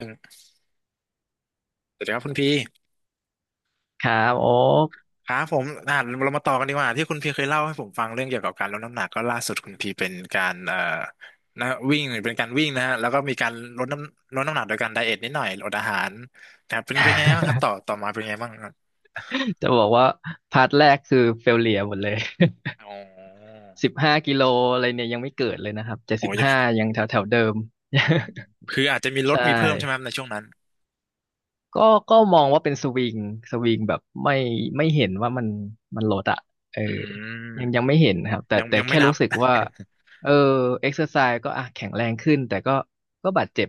สวัสดีครับคุณพีครับโอ๊ก ครับผมเรามาต่อกันดีกว่าที่คุณพีเคยเล่าให้ผมฟังเรื่องเกี่ยวกับการลดน้ำหนักก็ล่าสุดคุณพีเป็นการนะวิ่งเป็นการวิ่งนะฮะแล้วก็มีการลดน้ำหนักโดยการไดเอทนิดหน่อยอดอาหารนะครับเป็นไงบ้างครับต่อ ต่อมาเป็นไงบ้างครับจะบอกว่าพาร์ทแรกคือเฟลเลียหมดเลย อ๋อ 15 กิโลอะไรเนี่ยยังไม่เกิดเลยนะครับแต่โอ้สิบห้ายยังแถวแถวเดิม อืมคืออาจจะมีล ดใช่ มีเพิ่มใช่ไหมครับในช่วงนั้นก็ก็มองว่าเป็นสวิงแบบไม่เห็นว่ามันลดอะเอออืมยังไม่เห็นนะครับแต่ยังแต่ยังไม่แค่นัรู้บ สึกว่าเออเอ็กซ์เซอร์ไซส์ก็อ่ะแข็งแรงขึ้นแต่ก็บาดเจ็บ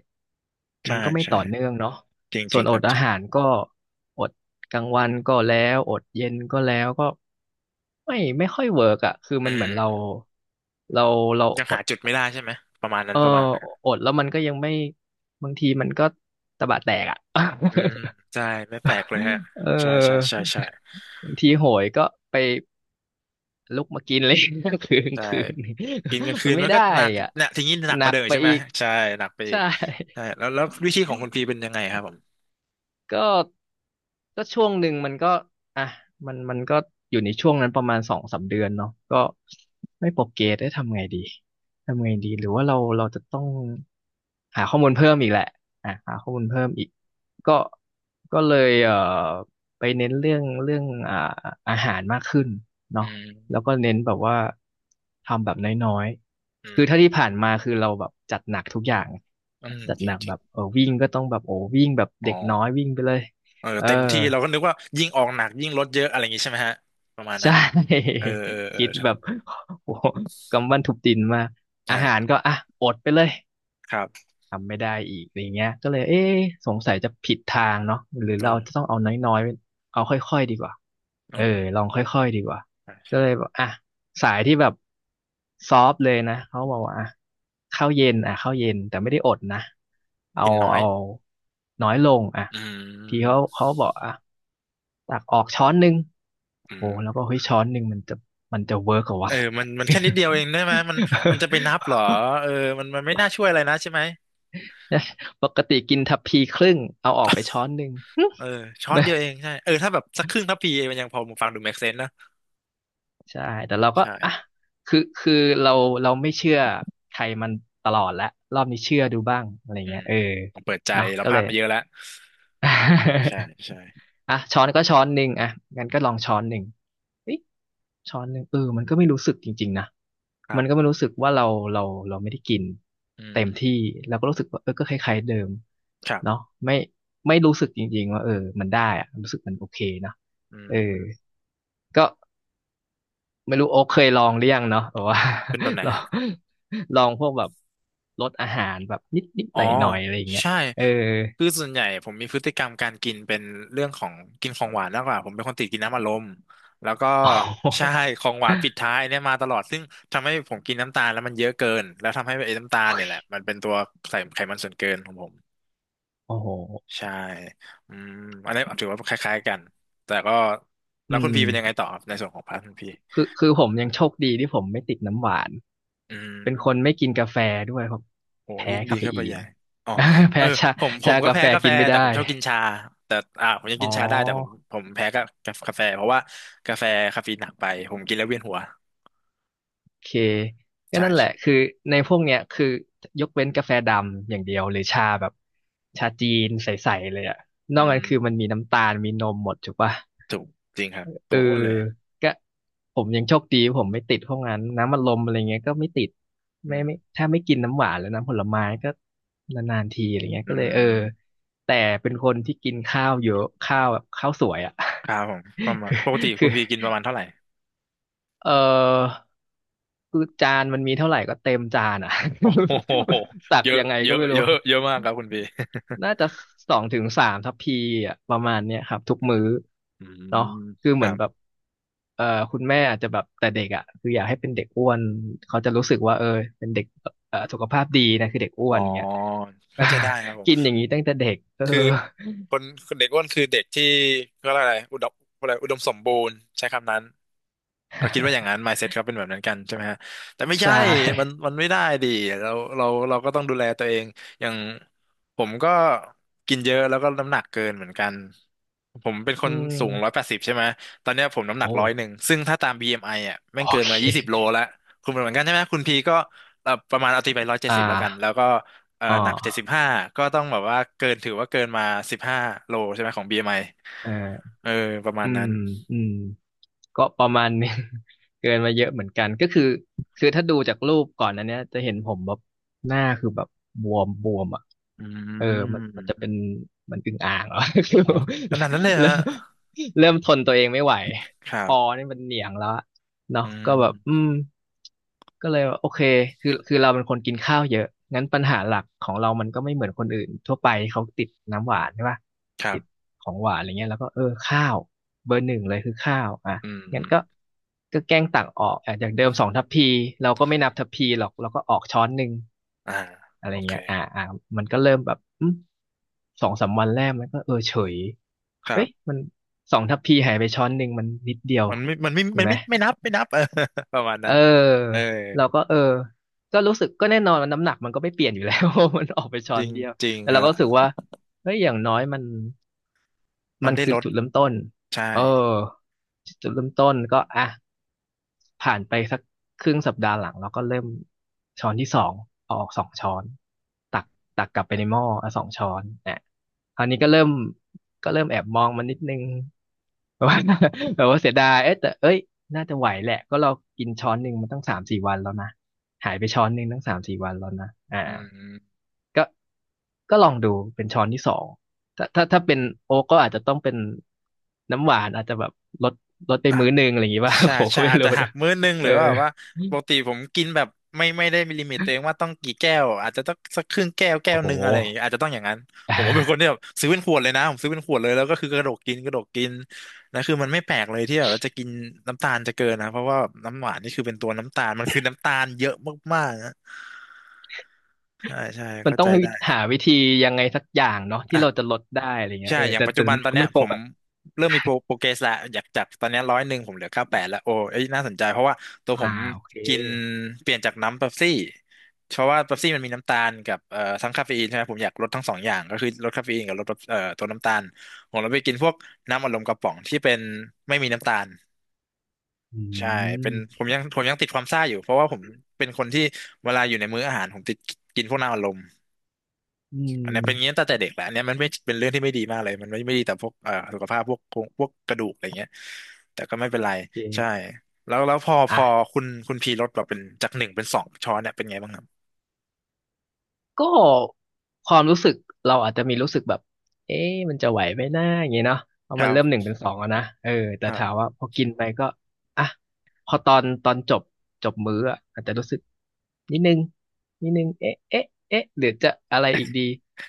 มันใช่ก็ไม่ใช่ต่อเนื่องเนาะจริงส่จวรินงอครัดบจอาริงหารก็อดกลางวันก็แล้วอดเย็นก็แล้วก็ไม่ค่อยเวิร์กอะคืออืมันเหมือนมเราเรายังอหาดจุดไม่ได้ใช่ไหมประมาณนั้เอนอประมาณนั้น อดแล้วมันก็ยังไม่บางทีมันก็ตะบะแตกอะ อืม ใช่ไม่แปลกเลยฮะเอใช่ใช่ใช่อใช่บางทีโหยก็ไปลุกมากินเลย คืนใช่คืนกินกลางคืมันนไม่มันก็ได้หนักอ่ะเนี่ยทีนี้หนักหกนัว่ากเดิมอีกไปใช่ไหมอีกใช่หนักไปอีใช่ กใช่แล้วแล้ววิธีของคุณพีเป็นยังไงครับผมก็ก็ช่วงหนึ่งมันก็อ่ะมันก็อยู่ในช่วงนั้นประมาณ2-3 เดือนเนาะก็ไม่โปรเกรสได้ทำไงดีทำไงดีหรือว่าเราจะต้องหาข้อมูลเพิ่มอีกแหละอ่ะหาข้อมูลเพิ่มอีกก็ก็เลยไปเน้นเรื่องอาหารมากขึ้นอืเนาะมแล้วก็เน้นแบบว่าทำแบบน้อยอืๆ คือถ้ามที่ผ่านมาคือเราแบบจัดหนักทุกอย่างอืมจัดจหริงนักจริแบงบเออวิ่งก็ต้องแบบโอ้วิ่งแบบอ๋อเด็กน้อยวิ่งไปเลยเออเออเต็มที่เราก็นึกว่ายิ่งออกหนักยิ่งลดเยอะอะไรอย่างงี้ใช่ไหมฮะประมาณนั้ใช่ น เออเออเออคิดใช่แบบโอ้โหกำบันทุบดินมากอาหารใช่ก็อ่ะอดไปเลย ครับทำไม่ได้อีกอะไรเงี้ยก็เลยเอ๊ะสงสัยจะผิดทางเนาะหรืออืเรามจะต้องเอาน้อยๆเอาค่อยๆดีกว่าอืเออมลองค่อยๆดีกว่าใช่ก็ใช่เลยบอกอ่ะสายที่แบบซอฟต์เลยนะเขาบอกว่าอ่ะข้าวเย็นอ่ะข้าวเย็นแต่ไม่ได้อดนะเอากินน้อยเอาน้อยลงอ่ะอืพี่เขามเขาบอกอ่ะตักออกช้อนหนึ่งอืโอ้มแล้วก็เฮ้ยช้อนหนึ่งมันจะเวิร์กเหรอเอวะ อมันมันแค่นิดเดียวเองได้ไหมมันมันจะไปนับเหรอ เออมันมันไม่น่าช่วยอะไรนะใช่ไหม ปกติกินทัพพีครึ่งเอาออกไปช้อนหนึ่ง หึเออช้อนเดียวเองใช่เออถ้าแบบสักครึ่งทัพพีมันยังพอฟังดู make sense นะใช่แต่เราก็อ่ะใช่คือเราเราไม่เชื่อใครมันตลอดแล้วรอบนี้เชื่อดูบ้างอะไรอืเงี้ยมเออผมเปิดใจเนาะเราก็พเลลาดย มาเยอะแล้วใช่ใช่ อ่ะช้อนก็ช้อนหนึ่งอ่ะงั้นก็ลองช้อนหนึ่งเอ๊ะช้อนหนึ่งเออมันก็ไม่รู้สึกจริงๆนะครัมันก็ไม่บรู้สึกว่าเราเราไม่ได้กินอืเต็มมที่เราก็รู้สึกว่าเออก็คล้ายๆเดิมครัเนาะบไม่ไม่รู้สึกจริงๆว่าเออมันได้อะรู้สึกมันโอเคนะอืเออมก็ไม่รู้โอ๊คเคยลองหรือยังเนาะแบบว่า เป็นแบบไหน ลอฮะงลองพวกแบบรสอาหารแบบนิดนิดอ๋หอน่อยหน่อยๆอะไรอย่างเงี้ยใช่เออ คือส่วนใหญ่ผมมีพฤติกรรมการกินเป็นเรื่องของกินของหวานมากกว่าผมเป็นคนติดกินน้ำอัดลมแล้วก็ โอ้ใช่โหของหวานปิดท้ายเนี่ยมาตลอดซึ่งทำให้ผมกินน้ำตาลแล้วมันเยอะเกินแล้วทำให้ไอ้น้ำตาลเนี่ยแหละมันเป็นตัวใส่ไขมันส่วนเกินของผม โอ้โหใช่อืมอันนี้ถือว่าคล้ายๆกัน แต่ก็แล้อืวคุณม พีเป็นยังไงต่อครับในส่วนของพาร์ทคุณพีคือผมยังโชคดีที่ผมไม่ติดน้ำหวานอืเป็นคนมไม่กินกาแฟด้วยครับโหแพ้ยิ่งดีคาเฟเข้าไปอีใหน ญ่อ๋อ เอแพ้อชาผมผชามก็กาแฟแพ้กาแฟกินไม่แต่ผได้มชอบกินชา แต่ ผมยังอ๋กิอนชาได้แต่ผมแพ้กากาแฟเพราะว่ากาแฟคาเฟอีนหนักไปผมกินแล้วเวียนหัวโอเคก็ใช่นั่นแหใช่ ละคือในพวกเนี้ยคือยกเว้นกาแฟดำอย่างเดียวหรือชาแบบชาจีนใสๆเลยอะนอือกนั้นมคือมันมีน้ำตาลมีนมหมดถูกปะ ถูกจริงครับ เอตัอวอ้วนเลย ก็ผมยังโชคดีผมไม่ติดพวกนั้นน้ำอัดลมอะไรเงี้ยก็ไม่ติดอืไม่มไม่ถ้าไม่กินน้ำหวานแล้วน้ำผลไม้ก็นานๆทีอะไรเงี้ยอืก็เลยเออมแต่เป็นคนที่กินข้าวเยอะข้าวแบบข้าวสวยอ่ะ ครับผมประมาณปกติ คือคืคุณอพีกินประมาณเท่าไหร่เออคือจานมันมีเท่าไหร่ก็เต็มจานอ่ะ โอ้โห ตักเยอะยังไงเยก็อะไม่เยรู้ อะเยอะมากครับคุณพี น่าจะ2 ถึง 3 ทัพพีอ่ะประมาณเนี้ยครับทุกมื้ออืเนาะมคือคเหมืรัอนแบบบ เอ่อคุณแม่อาจจะแบบแต่เด็กอ่ะคืออยากให้เป็นเด็กอ้วนเขาจะรู้สึกว่าเออเป็นเด็กสุขภาพดีนะคือเด็กอ้อ๋วอ นเงี้ย เข้าใจได้ครับผ มกินอย่างนี้ตั้งแต่เด็กเออ คือคนเด็กอ้วนคือเด็กที่เขาเรียกอะไรอุดมอะไร อุดมสมบูรณ์ใช้คำนั้น ก็คิดว่าอย่างนั้น mindset เขาเป็นแบบนั้นกันใช่ไหมฮะแต่ไม่ ใช่ใช่มันมันไม่ได้ดิเราเราเราก็ต้องดูแลตัวเองอย่างผมก็กินเยอะแล้วก็น้ำหนักเกินเหมือนกันผมเป็นคอืนสูงร้อยแปมดสิบใช่ไหมตอนเนี้ยผมน้ำหนัโอ้กร้อยหนึ่งซึ่งถ้าตาม BMI อมไออ่ะแม่โองเกินเคมา20 โลแล้วคุณเป็นเหมือนกันใช่ไหมคุณพีก็ประมาณเอาตีไปร้อยเจ็ดอ่สิบแล้วกันแล้าวก็อ๋หนักเจ็ดสิบอห้าก็ต้องแบบว่าเกินถือว่าเกินมา15 โลใช่ไหมของบีเอ็มไอเออ เออประมาอืณนั้มนอืมก็ประมาณนึง เกินมาเยอะเหมือนกันก็คือถ้าดูจากรูปก่อนอันเนี้ยจะเห็นผมแบบหน้าคือแบบบวมบวมอ่ะอืเออมันจะม เป็นมันอึ่งอ่างเหรอ คือโอ้โหขนาดนั้นเลยเริ่ฮะมเริ่มทนตัวเองไม่ไหวคครัอบนี่มันเหนียงแล้วอะเนาะอืก็แบบอืมมก็เลยว่าโอเคคือเราเป็นคนกินข้าวเยอะงั้นปัญหาหลักของเรามันก็ไม่เหมือนคนอื่นทั่วไปเขาติดน้ำหวานใช่ป่ะครัติดบของหวานอะไรเงี้ยแล้วก็เออข้าว เบอร์หนึ่งเลยคือข้าวอ่ะอืมองั้นมก็แกล้งตักออกอ่ะจากเดิมสองทัพพีเราก็ไม่นับทัพพีหรอกเราก็ออกช้อนหนึ่งอ่าอะไรโอเคเงี้ยมันก็เริ่มแบบสองสามวันแรกมันก็เออเฉยครัเอ้บยมันสองทัพพีหายไปช้อนหนึ่งมันนิดเดียวมันไม่มันไม่ถูมักนไหมไม่ไม่นับไม่นับ เออ ประมาณเนั้นเออออเราก็เออก็รู้สึกก็แน่นอนว่าน้ำหนักมันก็ไม่เปลี่ยนอยู่แล้ว มันออกไปช้จอรินงเดียวจริงแต่คเรารัก็บรู้สึกว่าเฮ้ยอย่างน้อยมัน มัมันนได้คือลดจุดเริ่มต้นใช่เออจุดเริ่มต้นก็อ่ะผ่านไปสักครึ่งสัปดาห์หลังเราก็เริ่มช้อนที่สองเอาออกสองช้อนตักตักกลับไปในหม้ออ่ะสองช้อนอ่ะคราวนี้ก็เริ่มเริ่มแอบมองมันนิดนึง แบบว่าแบบว่าเสียดายเอ๊ะแต่เอ้ยน่าจะไหวแหละ ก็เรากินช้อนหนึ่งมันตั้งสามสี่วันแล้วนะ หายไปช้อนหนึ่งตั้งสามสี่วันแล้วนะอ่า อืมก็ลองดูเป็นช้อนที่สองถ้าเป็นโอ๊กก็อาจจะต้องเป็นน้ำหวานอาจจะแบบลดไปอ่ะ มื้อหนึ่งอะไรอย่างงี้ป่ะ ใช่ ผมใช่ก็ไม่อาจรู้จะหักนะมื้อนึงหเอรืออว่าแบบว่าปกติผมกินแบบไม่ไม่ได้มีลิมิตตัวเองว่าต้องกี่แก้วอาจจะต้องสักครึ่งแก้วแก้โอ้วโหหนึ่งอะไรอย่างเงี้ยอาจจะต้องอย่างนั้นผอ่มว่าเป็นคนที่าแบบซื้อเป็นขวดเลยนะผมซื้อเป็นขวดเลยแล้วก็คือกระดกกินกระดกกินนะคือมันไม่แปลกเลยที่แบบว่าจะกินน้ำตาลจะเกินนะเพราะว่าน้ำหวานนี่คือเป็นตัวน้ำตาลมันคือน้ำตาลเยอะมากๆนะใช่ใช่มันเข้าต้อใจงได้ หาวิธียังไงสักอย่างเนาะที่เราจะลดได้อะไรเงี้ใช่ยเอออย่างปัจแต่จุบันน้ำตอนเนี้มัยนคผงมแบบ เริ่มมีโปร โปรเกรสและอยากจากตอนเนี้ร้อยหนึ่งผมเหลือ98แล้วโอ้เอ้ยน่าสนใจเพราะว่าตัวผอ่ามโอเคกินเปลี่ยนจากน้ำเป๊ปซี่เพราะว่าเป๊ปซี่มันมีน้ำตาลกับทั้งคาเฟอีนใช่ไหมผมอยากลดทั้งสองอย่างก็คือลดคาเฟอีนกับลดตัวน้ำตาลผมเลยไปกินพวกน้ำอัดลมกระป๋องที่เป็นไม่มีน้ำตาลอืใช่เป็นมผมยังติดความซ่าอยู่เพราะว่าผมเป็นคนที่เวลาอยู่ในมื้ออาหารผมติดกินพวกน้ำอัดลม อือันเนี้ยเป็นอย่างนี้มตั้งแต่เด็กแหละอันเนี้ยมันไม่เป็นเรื่องที่ไม่ดีมากเลยมันไม่ดีต่อพวกสุขภาพพวกโครงพวกกระดูกอะไรเงี้ยแต่ก็ไม่เป็นไรโอเใช่คแล้วพออ่ะ คุณพีลดแบบเป็นจากหนึ่งเป็นสองช้อนเนี่ยเป็นไงบ้างครับก็ความรู้สึกเราอาจจะมีรู้สึกแบบเอ๊ะมันจะไหวไหมนะอย่างเงี้ยเนาะเพคราะมัรันเริ่มหนึ่งบเป็นสองแล้วนะเออแต่ครัถามบว่าพอกินไปก็อ่ะพอตอนจบจบมื้ออะอาจจะรู้สึกนิดนึงนิดนึงเอ๊ะหรือจะอะไรอีกดี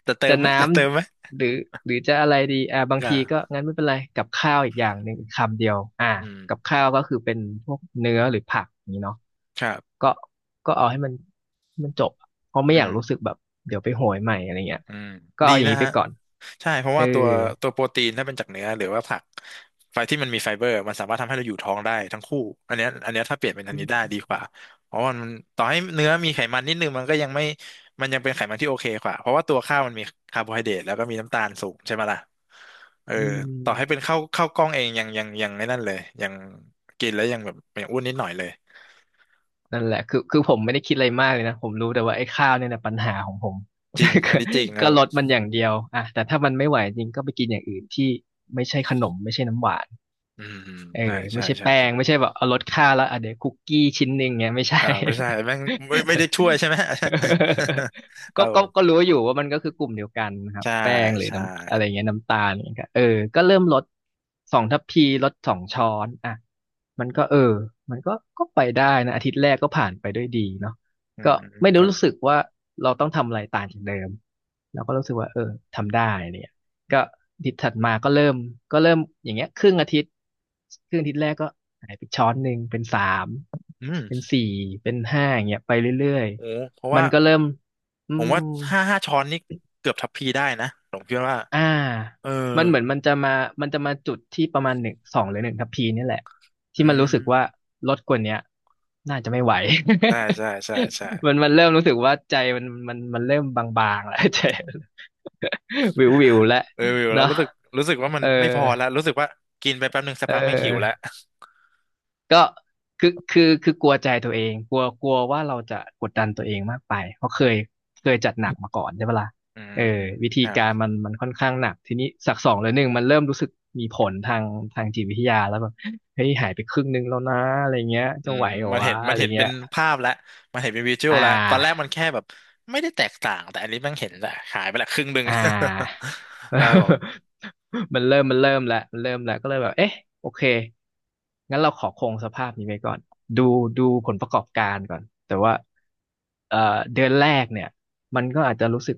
จะเติจะมไหมน้จะเติมไหมำหรือหรือจะอะไรดีอ่าบางทีก็อ่างั้นไม่เป็นไรกับข้าวอีกอย่างหนึ่งอีกคำเดียวอ่าอืมกับข้าวก็คือเป็นพวกเนื้อหรือผักอย่างนี้เนาะ ครับก็เอาให้มันจบอะเพราะไม่อือยากมรู้สึกแบบเดี๋ยวไปโหยใหม่อะไรเงี้ยอืมก็ดีเอาอย่างนะนี้ไปฮะ ก่อนใช่เพราะเออว่าตัวโปรตีนถ้าเป็นจากเนื้อหรือว่าผักไฟที่มันมีไฟเบอร์มันสามารถทำให้เราอยู่ท้องได้ทั้งคู่อันเนี้ยถ้าเปลี่ยนเป็นอันอืนี้ได้มดีกว่าเพราะว่ามันต่อให้เนื้อมีไขมันนิดนึงมันก็ยังไม่มันยังเป็นไขมันที่โอเคกว่าเพราะว่าตัวข้าวมันมีคาร์โบไฮเดรตแล้วก็มีน้ำตาลสูงใช่ไหมล่ะเอออืต่อให้เป็มนข้าวกล้องเองยังไม่นั่นเลยยังกินแล้วยังแบบยังอ้วนนิดหน่อยเลยนั่นแหละคือคือผมไม่ได้คิดอะไรมากเลยนะผมรู้แต่ว่าไอ้ข้าวเนี่ยแหละปัญหาของผม จริง อันก็นี้จริงครับลดมันอย่างเดียวอ่ะแต่ถ้ามันไม่ไหวจริงก็ไปกินอย่างอื่นที่ไม่ใช่ขนมไม่ใช่น้ำหวาน อืมเออใช่ใช่ไม่ใช่ใช่แป้ใช่งไม่ใช่แบบเอาลดค่าแล้วอ่ะเดี๋ยวคุกกี้ชิ้นหนึ่งเงี้ยไม่ใช่ อ่าไม่ใช่แม่งไม่ได้ช่วยใช่ไหม คก็รับผม รู้อยู่ว่ามันก็คือกลุ่มเดียวกันนะครับใช่แป้งหรือใช่น้ำอะไรเงี้ยน้ำตาลเงี้ยก็เออก็เริ่มลดสองทัพพีลดสองช้อนอ่ะมันก็เออมันก็ไปได้นะอาทิตย์แรกก็ผ่านไปด้วยดีเนาะอืก็มไม่ได้ครับผรู้มสึกว่าเราต้องทำอะไรต่างจากเดิมเราก็รู้สึกว่าเออทำได้เนี่ย ก็อาทิตย์ถัดมาก็เริ่มก็เริ่มอย่างเงี้ยครึ่งอาทิตย์ครึ่งอาทิตย์แรกก็หายไปช้อนหนึ่งเป็นสามอืมเป็นสี่เป็นห้าอย่างเงี้ยไปเรื่อยโอ้เพราะๆมัว่านก็เริ่มอืผมว่ามห้าช้อนนี่เกือบทัพพีได้นะผมคิดว่าอ่าเออมันเหมือนมันจะมาจุดที่ประมาณหนึ่งสองหรือหนึ่งทัพพีนี่แหละอืที่มันมรู้สึกว่าลดกว่าเนี้ยน่าจะไม่ไหว ใช่ใช่ใช่ใช่ มันเริ่มรู้สึกว่าใจมันเริ่มบางๆแล้วใจ วิวๆแล้วเอออยู่แล้วเนาะรู้สึกรู้สึกว่ามัเอนอ ไม่พอแล้วรู้สึกว่ากินไปแป๊บหนึ่งสักเพักแม่งหิวแล้วออก็คือกลัวใจตัวเองกลัวกลัวว่าเราจะกดดันตัวเองมากไปเพราะเคยจัดหนักมาก่อนใช่ปะล่ะอืเอมอวิธีครัการบมันค่อนข้างหนักทีนี้สักสองหรือหนึ่งมันเริ่มรู้สึกมีผลทางจิตวิทยาแล้วแบบเฮ้ยหายไปครึ่งหนึงแล้วนะอะไรเงี้ยอืจะมไหวเหรอมันเห็วะนมัอะนไรเห็นเป็เงี้นยภาพแล้วมันเห็นเป็นวิชวลอ่แล้วตอนแรกา มันแค่แบบไม่ได้แตกต่างแต่อันนี้แม่งเห็นแหละหายไปละครึ่งหนึ่ง อ่า แล้วผม มันเริ่มแล้วก็เลยแบบเอ๊ะโอเคงั้นเราขอคงสภาพนี้ไว้ก่อนดูผลประกอบการก่อนแต่ว่าเอ่อเดือนแรกเนี่ยมันก็อาจจะรู้สึก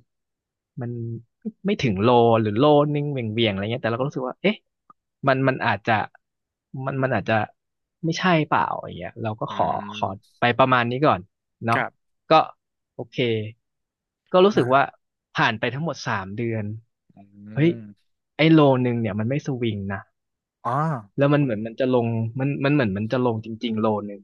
มันไม่ถึงโลหรือโลนิ่งเหวี่ยงๆอะไรเงี้ยแต่เราก็รู้สึกว่าเอ๊ะมันมันอาจจะมันมันอาจจะไม่ใช่เปล่าอย่างเงี้ยเราก็อืขอขอมไปประมาณนี้ก่อน คเนาะรับก็โอเคก็รู้สึกว่าอ่าผ่านไปทั้งหมดสามเดือนอืเฮ้ยมไอ้โลนึงเนี่ยมันไม่สวิงนะอ๋อ แล้วมันเหมือนมันจะลงมันมันเหมือนมันจะลงจริงๆโลนึง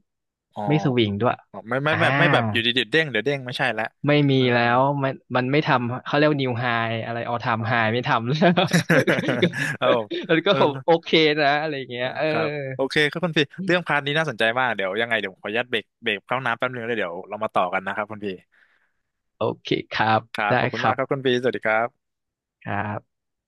อ๋อไม่สวิงด้วยอ๋อไม่อ่าแบบไม่แบบอยู่ดีๆเด้งเดี๋ยวเด้งไม่ใช่ละไม่มีเออแล้วมันไม่ทำเขาเรียกนิวไฮอะไรออเอออ๋อ ทำไฮไม่ทำแล้ว เอา แล้วก็เออผมโอเคนะอะไรอย่างเงี้ยเออครับโอเคครับคุณพี่เรื่องพาร์ทนี้น่าสนใจมากเดี๋ยวยังไงเดี๋ยวผมขออนุญาตเบรกเข้าน้ำแป๊บนึงแล้วเดี๋ยวเรามาต่อกันนะครับคุณพี่โอเคครับครับขได้อบคุณคมารักบครับคุณพี่สวัสดีครับครับ